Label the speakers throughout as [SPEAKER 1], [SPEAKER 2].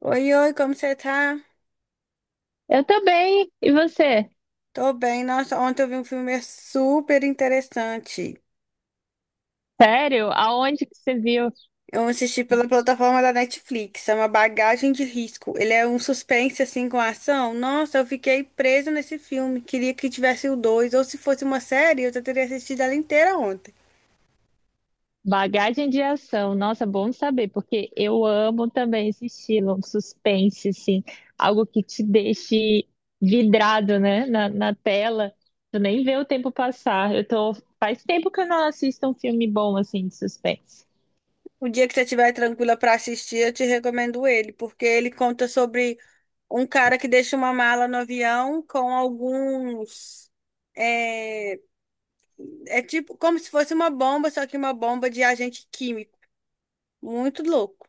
[SPEAKER 1] Oi, oi, como você tá?
[SPEAKER 2] Eu também. E você?
[SPEAKER 1] Tô bem. Nossa, ontem eu vi um filme super interessante.
[SPEAKER 2] Sério? Aonde que você viu?
[SPEAKER 1] Eu assisti pela plataforma da Netflix, chama Bagagem de Risco. Ele é um suspense assim com ação. Nossa, eu fiquei presa nesse filme. Queria que tivesse o dois, ou se fosse uma série, eu já teria assistido ela inteira ontem.
[SPEAKER 2] Bagagem de ação. Nossa, bom saber, porque eu amo também esse estilo, um suspense, assim, algo que te deixe vidrado, né, na tela. Tu nem vê o tempo passar. Faz tempo que eu não assisto um filme bom, assim, de suspense.
[SPEAKER 1] O dia que você estiver tranquila pra assistir, eu te recomendo ele, porque ele conta sobre um cara que deixa uma mala no avião com alguns eh, é tipo como se fosse uma bomba, só que uma bomba de agente químico. Muito louco.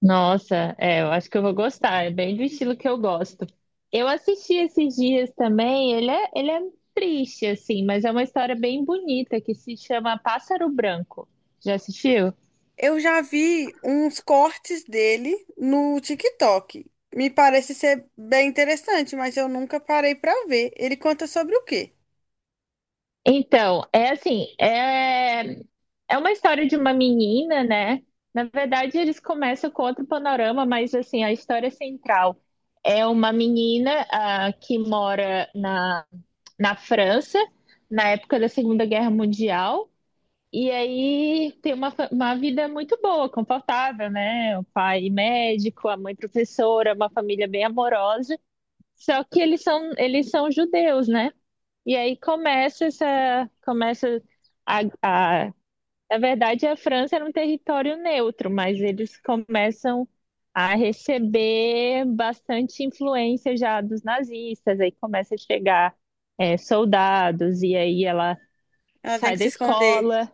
[SPEAKER 2] Nossa, é, eu acho que eu vou gostar. É bem do estilo que eu gosto. Eu assisti esses dias também. Ele é triste, assim, mas é uma história bem bonita que se chama Pássaro Branco. Já assistiu?
[SPEAKER 1] Eu já vi uns cortes dele no TikTok. Me parece ser bem interessante, mas eu nunca parei pra ver. Ele conta sobre o quê?
[SPEAKER 2] Então, é assim, é uma história de uma menina, né? Na verdade, eles começam com outro panorama, mas assim, a história central é uma menina, ah, que mora na França, na época da Segunda Guerra Mundial. E aí tem uma vida muito boa, confortável, né? O pai médico, a mãe professora, uma família bem amorosa. Só que eles são judeus, né? E aí começa essa, começa a, na verdade a França era um território neutro, mas eles começam a receber bastante influência já dos nazistas. Aí começa a chegar soldados e aí ela
[SPEAKER 1] Ela tem
[SPEAKER 2] sai
[SPEAKER 1] que
[SPEAKER 2] da
[SPEAKER 1] se esconder.
[SPEAKER 2] escola.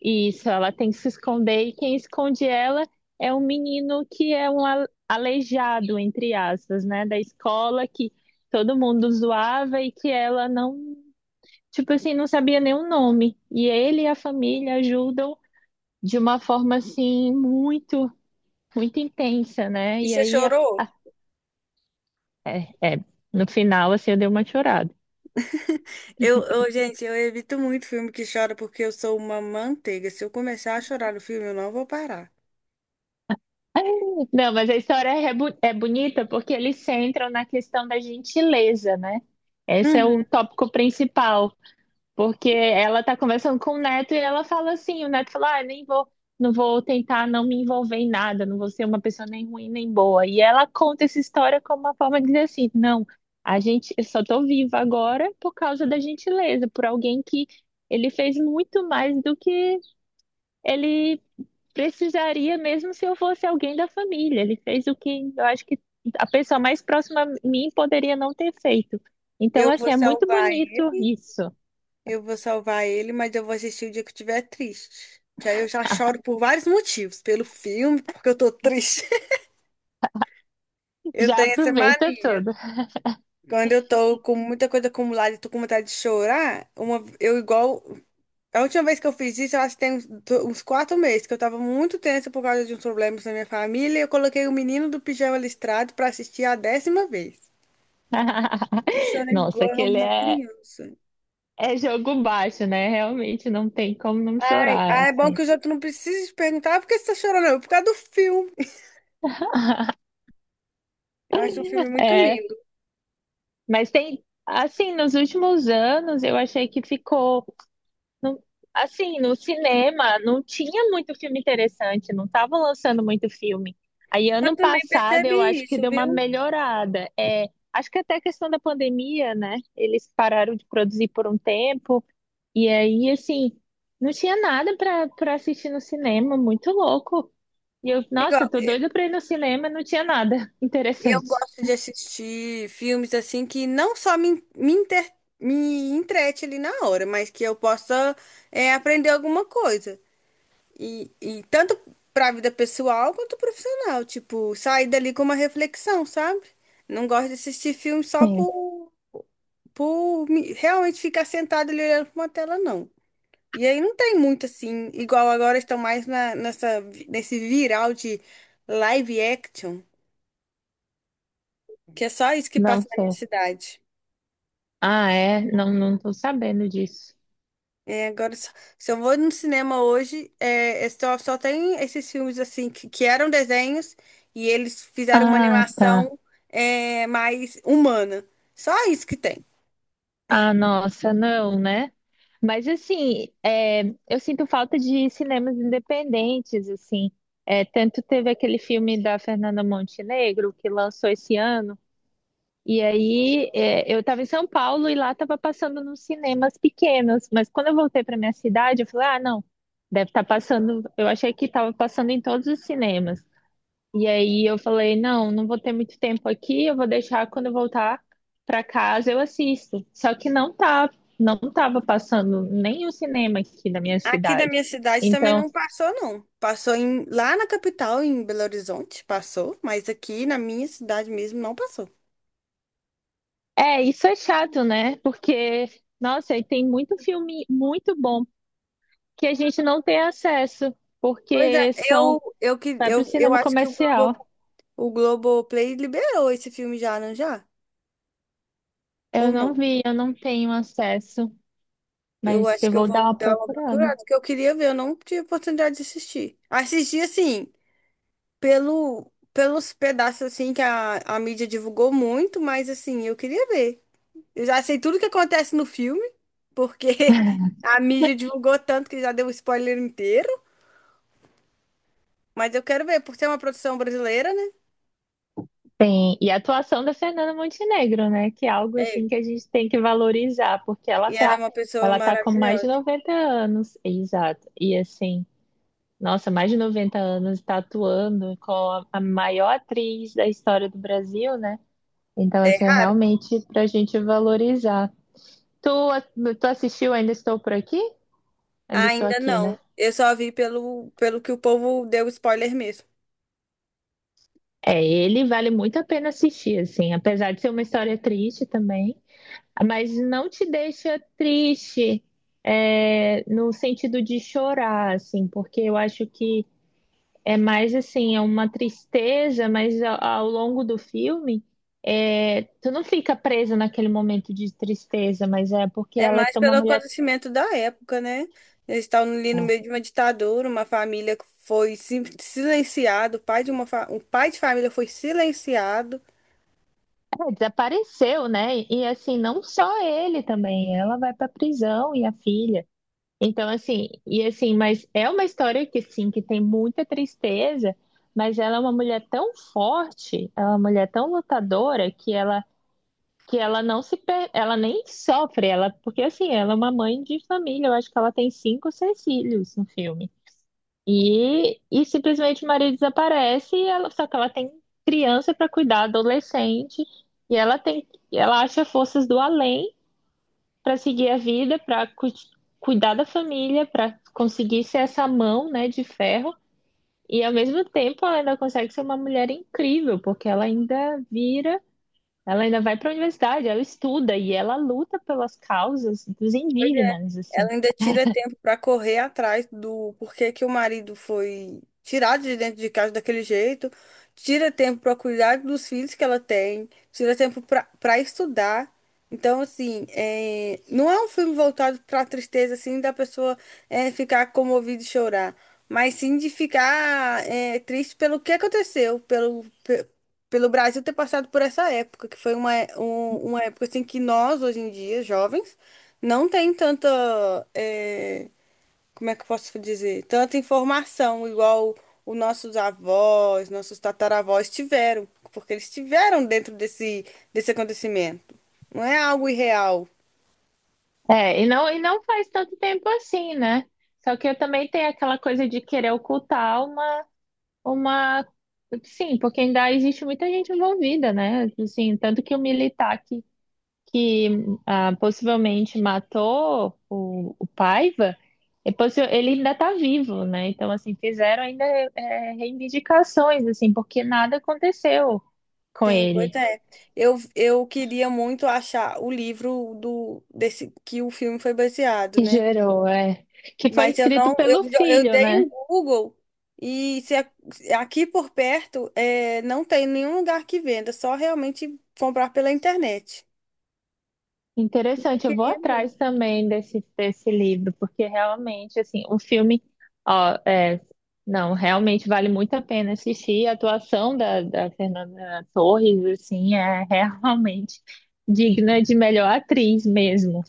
[SPEAKER 2] Isso, ela tem que se esconder e quem esconde ela é um menino que é um aleijado, entre aspas, né, da escola que todo mundo zoava e que ela não, tipo assim, não sabia nem o nome. E ele e a família ajudam de uma forma assim muito, muito intensa, né?
[SPEAKER 1] E
[SPEAKER 2] E
[SPEAKER 1] você
[SPEAKER 2] aí
[SPEAKER 1] chorou?
[SPEAKER 2] é, é, no final assim eu dei uma chorada.
[SPEAKER 1] Gente, eu evito muito filme que chora porque eu sou uma manteiga. Se eu começar a chorar no filme, eu não vou parar.
[SPEAKER 2] Não, mas a história é bonita porque eles centram na questão da gentileza, né? Esse é o
[SPEAKER 1] Uhum.
[SPEAKER 2] tópico principal. Porque ela tá conversando com o neto e ela fala assim, o neto fala, ah, nem vou, não vou tentar não me envolver em nada, não vou ser uma pessoa nem ruim nem boa. E ela conta essa história como uma forma de dizer assim, não, a gente, eu só tô viva agora por causa da gentileza, por alguém que ele fez muito mais do que ele precisaria mesmo se eu fosse alguém da família. Ele fez o que eu acho que a pessoa mais próxima a mim poderia não ter feito. Então,
[SPEAKER 1] Eu
[SPEAKER 2] assim,
[SPEAKER 1] vou
[SPEAKER 2] é muito
[SPEAKER 1] salvar
[SPEAKER 2] bonito isso.
[SPEAKER 1] Eu vou salvar ele, mas eu vou assistir o dia que eu estiver triste. Que aí eu já choro por vários motivos. Pelo filme, porque eu tô triste. Eu
[SPEAKER 2] Já
[SPEAKER 1] tenho essa
[SPEAKER 2] aproveita
[SPEAKER 1] mania.
[SPEAKER 2] tudo.
[SPEAKER 1] Quando eu tô com muita coisa acumulada e tô com vontade de chorar, uma, eu igual. A última vez que eu fiz isso, eu acho que tem uns 4 meses, que eu tava muito tensa por causa de uns problemas na minha família. E eu coloquei o menino do pijama listrado pra assistir a décima vez. Eu chorei
[SPEAKER 2] Nossa,
[SPEAKER 1] igual
[SPEAKER 2] aquele
[SPEAKER 1] uma
[SPEAKER 2] é,
[SPEAKER 1] criança.
[SPEAKER 2] é jogo baixo, né? Realmente não tem como não
[SPEAKER 1] Ai,
[SPEAKER 2] chorar,
[SPEAKER 1] ah, é bom
[SPEAKER 2] assim.
[SPEAKER 1] que os outros não precisam te perguntar "Ah, por que você tá chorando, não?" por causa do filme. Eu acho um filme muito
[SPEAKER 2] É,
[SPEAKER 1] lindo.
[SPEAKER 2] mas tem, assim, nos últimos anos eu achei que ficou, não- assim, no cinema não tinha muito filme interessante, não estavam lançando muito filme. Aí
[SPEAKER 1] Eu
[SPEAKER 2] ano
[SPEAKER 1] também
[SPEAKER 2] passado eu
[SPEAKER 1] percebi
[SPEAKER 2] acho que
[SPEAKER 1] isso,
[SPEAKER 2] deu uma
[SPEAKER 1] viu?
[SPEAKER 2] melhorada. É, acho que até a questão da pandemia, né? Eles pararam de produzir por um tempo. E aí, assim, não tinha nada pra assistir no cinema, muito louco. E eu,
[SPEAKER 1] Igual,
[SPEAKER 2] nossa, eu tô doida pra ir no cinema, não tinha nada
[SPEAKER 1] eu
[SPEAKER 2] interessante.
[SPEAKER 1] gosto de assistir filmes assim que não só me entrete ali na hora, mas que eu possa aprender alguma coisa. E tanto para a vida pessoal quanto profissional. Tipo, sair dali com uma reflexão, sabe? Não gosto de assistir filme só
[SPEAKER 2] Sim,
[SPEAKER 1] por realmente ficar sentado ali olhando para uma tela, não. E aí não tem muito assim, igual agora estão mais nesse viral de live action, que é só isso que
[SPEAKER 2] não
[SPEAKER 1] passa na minha
[SPEAKER 2] sei.
[SPEAKER 1] cidade.
[SPEAKER 2] Ah, é? Não, não tô sabendo disso.
[SPEAKER 1] É, agora, se eu vou no cinema hoje, é, só tem esses filmes assim que eram desenhos e eles fizeram uma
[SPEAKER 2] Ah, tá.
[SPEAKER 1] animação mais humana. Só isso que tem.
[SPEAKER 2] Ah, nossa, não, né? Mas assim, é, eu sinto falta de cinemas independentes, assim. É, tanto teve aquele filme da Fernanda Montenegro que lançou esse ano. E aí, é, eu estava em São Paulo e lá estava passando nos cinemas pequenos. Mas quando eu voltei para minha cidade, eu falei: ah, não, deve estar passando. Eu achei que estava passando em todos os cinemas. E aí eu falei: não, não vou ter muito tempo aqui, eu vou deixar quando eu voltar para casa eu assisto. Só que não tá, não estava passando nem o cinema aqui na minha
[SPEAKER 1] Aqui da
[SPEAKER 2] cidade.
[SPEAKER 1] minha cidade também
[SPEAKER 2] Então,
[SPEAKER 1] não passou, não. Passou lá na capital, em Belo Horizonte, passou, mas aqui na minha cidade mesmo não passou.
[SPEAKER 2] é, isso é chato, né? Porque, nossa, aí tem muito filme muito bom que a gente não tem acesso,
[SPEAKER 1] Pois é,
[SPEAKER 2] porque são,
[SPEAKER 1] eu, eu, que-
[SPEAKER 2] vai para o
[SPEAKER 1] eu, eu
[SPEAKER 2] cinema
[SPEAKER 1] acho que
[SPEAKER 2] comercial.
[SPEAKER 1] o Globoplay liberou esse filme já, não já? Ou
[SPEAKER 2] Eu
[SPEAKER 1] não?
[SPEAKER 2] não vi, eu não tenho acesso,
[SPEAKER 1] Eu
[SPEAKER 2] mas
[SPEAKER 1] acho
[SPEAKER 2] eu
[SPEAKER 1] que eu
[SPEAKER 2] vou dar
[SPEAKER 1] vou
[SPEAKER 2] uma
[SPEAKER 1] dar uma
[SPEAKER 2] procurada.
[SPEAKER 1] procurada, porque eu queria ver, eu não tive oportunidade de assistir. Assisti, assim, pelos pedaços, assim, que a mídia divulgou muito, mas, assim, eu queria ver. Eu já sei tudo que acontece no filme, porque a mídia divulgou tanto que já deu o spoiler inteiro, mas eu quero ver, por ser uma produção brasileira, né?
[SPEAKER 2] Tem, e a atuação da Fernanda Montenegro, né? Que é algo
[SPEAKER 1] É,
[SPEAKER 2] assim que a gente tem que valorizar, porque ela
[SPEAKER 1] e ela é
[SPEAKER 2] tá,
[SPEAKER 1] uma pessoa
[SPEAKER 2] ela tá com mais de
[SPEAKER 1] maravilhosa.
[SPEAKER 2] 90 anos, exato. E assim, nossa, mais de 90 anos tá atuando com a maior atriz da história do Brasil, né? Então,
[SPEAKER 1] É
[SPEAKER 2] assim, é
[SPEAKER 1] raro.
[SPEAKER 2] realmente pra gente valorizar. Tu, tu assistiu Ainda Estou Por Aqui? Ainda Estou
[SPEAKER 1] Ainda
[SPEAKER 2] Aqui, né?
[SPEAKER 1] não. Eu só vi pelo que o povo deu spoiler mesmo.
[SPEAKER 2] É, ele vale muito a pena assistir, assim, apesar de ser uma história triste também, mas não te deixa triste, é, no sentido de chorar, assim, porque eu acho que é mais assim, é uma tristeza, mas ao longo do filme, é, tu não fica presa naquele momento de tristeza, mas é porque
[SPEAKER 1] É
[SPEAKER 2] ela é
[SPEAKER 1] mais
[SPEAKER 2] uma
[SPEAKER 1] pelo
[SPEAKER 2] mulher.
[SPEAKER 1] acontecimento da época, né? Eles estavam ali no meio de uma ditadura, uma família que foi silenciada, o pai de o pai de família foi silenciado.
[SPEAKER 2] É, desapareceu, né? E assim, não só ele também, ela vai pra prisão e a filha. Então, assim, e assim, mas é uma história que sim, que tem muita tristeza, mas ela é uma mulher tão forte, ela é uma mulher tão lutadora que ela não se per- ela nem sofre, ela porque assim, ela é uma mãe de família, eu acho que ela tem cinco ou seis filhos no filme. E simplesmente Maria desaparece e ela, só que ela tem criança para cuidar, adolescente, e ela tem, ela acha forças do além para seguir a vida, para cuidar da família, para conseguir ser essa mão, né, de ferro. E ao mesmo tempo ela ainda consegue ser uma mulher incrível, porque ela ainda vira, ela ainda vai para a universidade, ela estuda e ela luta pelas causas dos indígenas,
[SPEAKER 1] Ela
[SPEAKER 2] assim.
[SPEAKER 1] ainda tira tempo para correr atrás do porquê que o marido foi tirado de dentro de casa daquele jeito, tira tempo para cuidar dos filhos que ela tem, tira tempo para estudar. Então, assim, não é um filme voltado para a tristeza, assim, da pessoa ficar comovida e chorar, mas sim de ficar triste pelo que aconteceu, pelo Brasil ter passado por essa época, que foi uma época, assim, que nós, hoje em dia, jovens, não tem tanta, eh, como é que eu posso dizer? Tanta informação igual os nossos avós, nossos tataravós tiveram, porque eles tiveram dentro desse acontecimento. Não é algo irreal.
[SPEAKER 2] É, e não faz tanto tempo assim, né? Só que eu também tenho aquela coisa de querer ocultar uma, uma. Sim, porque ainda existe muita gente envolvida, né? Assim, tanto que o militar que ah, possivelmente matou o Paiva, ele ainda está vivo, né? Então, assim, fizeram ainda reivindicações, assim, porque nada aconteceu com
[SPEAKER 1] Sim, pois
[SPEAKER 2] ele.
[SPEAKER 1] é. Eu queria muito achar o livro do desse que o filme foi baseado,
[SPEAKER 2] Que
[SPEAKER 1] né?
[SPEAKER 2] gerou, é. Que foi
[SPEAKER 1] Mas eu
[SPEAKER 2] escrito
[SPEAKER 1] não, eu,
[SPEAKER 2] pelo
[SPEAKER 1] jo- eu
[SPEAKER 2] filho,
[SPEAKER 1] dei
[SPEAKER 2] né?
[SPEAKER 1] um Google e se aqui por perto não tem nenhum lugar que venda, só realmente comprar pela internet. Eu
[SPEAKER 2] Interessante, eu vou
[SPEAKER 1] queria.
[SPEAKER 2] atrás também desse, livro, porque realmente, assim, o filme, ó, é, não, realmente vale muito a pena assistir. A atuação da Fernanda Torres, assim, é realmente digna de melhor atriz mesmo.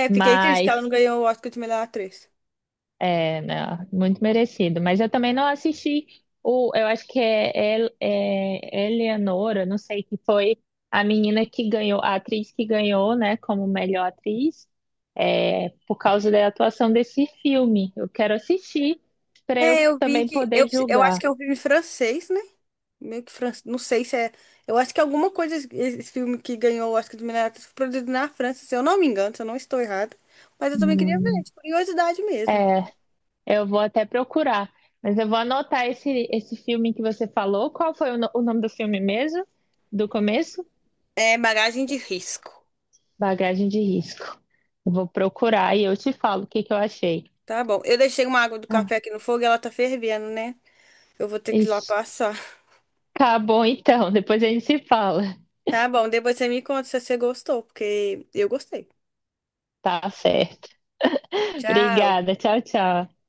[SPEAKER 1] É, fiquei triste que ela não
[SPEAKER 2] Mas
[SPEAKER 1] ganhou o Oscar de melhor atriz.
[SPEAKER 2] é, não, muito merecido. Mas eu também não assisti o. Eu acho que é Eleanora, não sei, que foi a menina que ganhou, a atriz que ganhou, né, como melhor atriz, é, por causa da atuação desse filme. Eu quero assistir para
[SPEAKER 1] É,
[SPEAKER 2] eu
[SPEAKER 1] eu vi
[SPEAKER 2] também
[SPEAKER 1] que. Eu,
[SPEAKER 2] poder
[SPEAKER 1] eu acho
[SPEAKER 2] julgar.
[SPEAKER 1] que é um filme francês, né? Meio que francês. Não sei se é. Eu acho que alguma coisa, esse filme que ganhou o Oscar de melhor atriz, foi produzido na França, se eu não me engano, se eu não estou errada. Mas eu também queria ver,
[SPEAKER 2] Hum,
[SPEAKER 1] de curiosidade mesmo.
[SPEAKER 2] é, eu vou até procurar. Mas eu vou anotar esse, filme que você falou. Qual foi o, no- o nome do filme mesmo? Do começo?
[SPEAKER 1] É, bagagem de risco.
[SPEAKER 2] Bagagem de risco. Eu vou procurar e eu te falo o que que eu achei.
[SPEAKER 1] Tá bom. Eu deixei uma água do café
[SPEAKER 2] Tá.
[SPEAKER 1] aqui no fogo e ela tá fervendo, né? Eu vou ter que ir lá
[SPEAKER 2] Ixi.
[SPEAKER 1] passar.
[SPEAKER 2] Tá bom, então. Depois a gente se fala.
[SPEAKER 1] Tá bom, depois você me conta se você gostou, porque eu gostei.
[SPEAKER 2] Tá certo.
[SPEAKER 1] Tchau.
[SPEAKER 2] Obrigada. Tchau, tchau.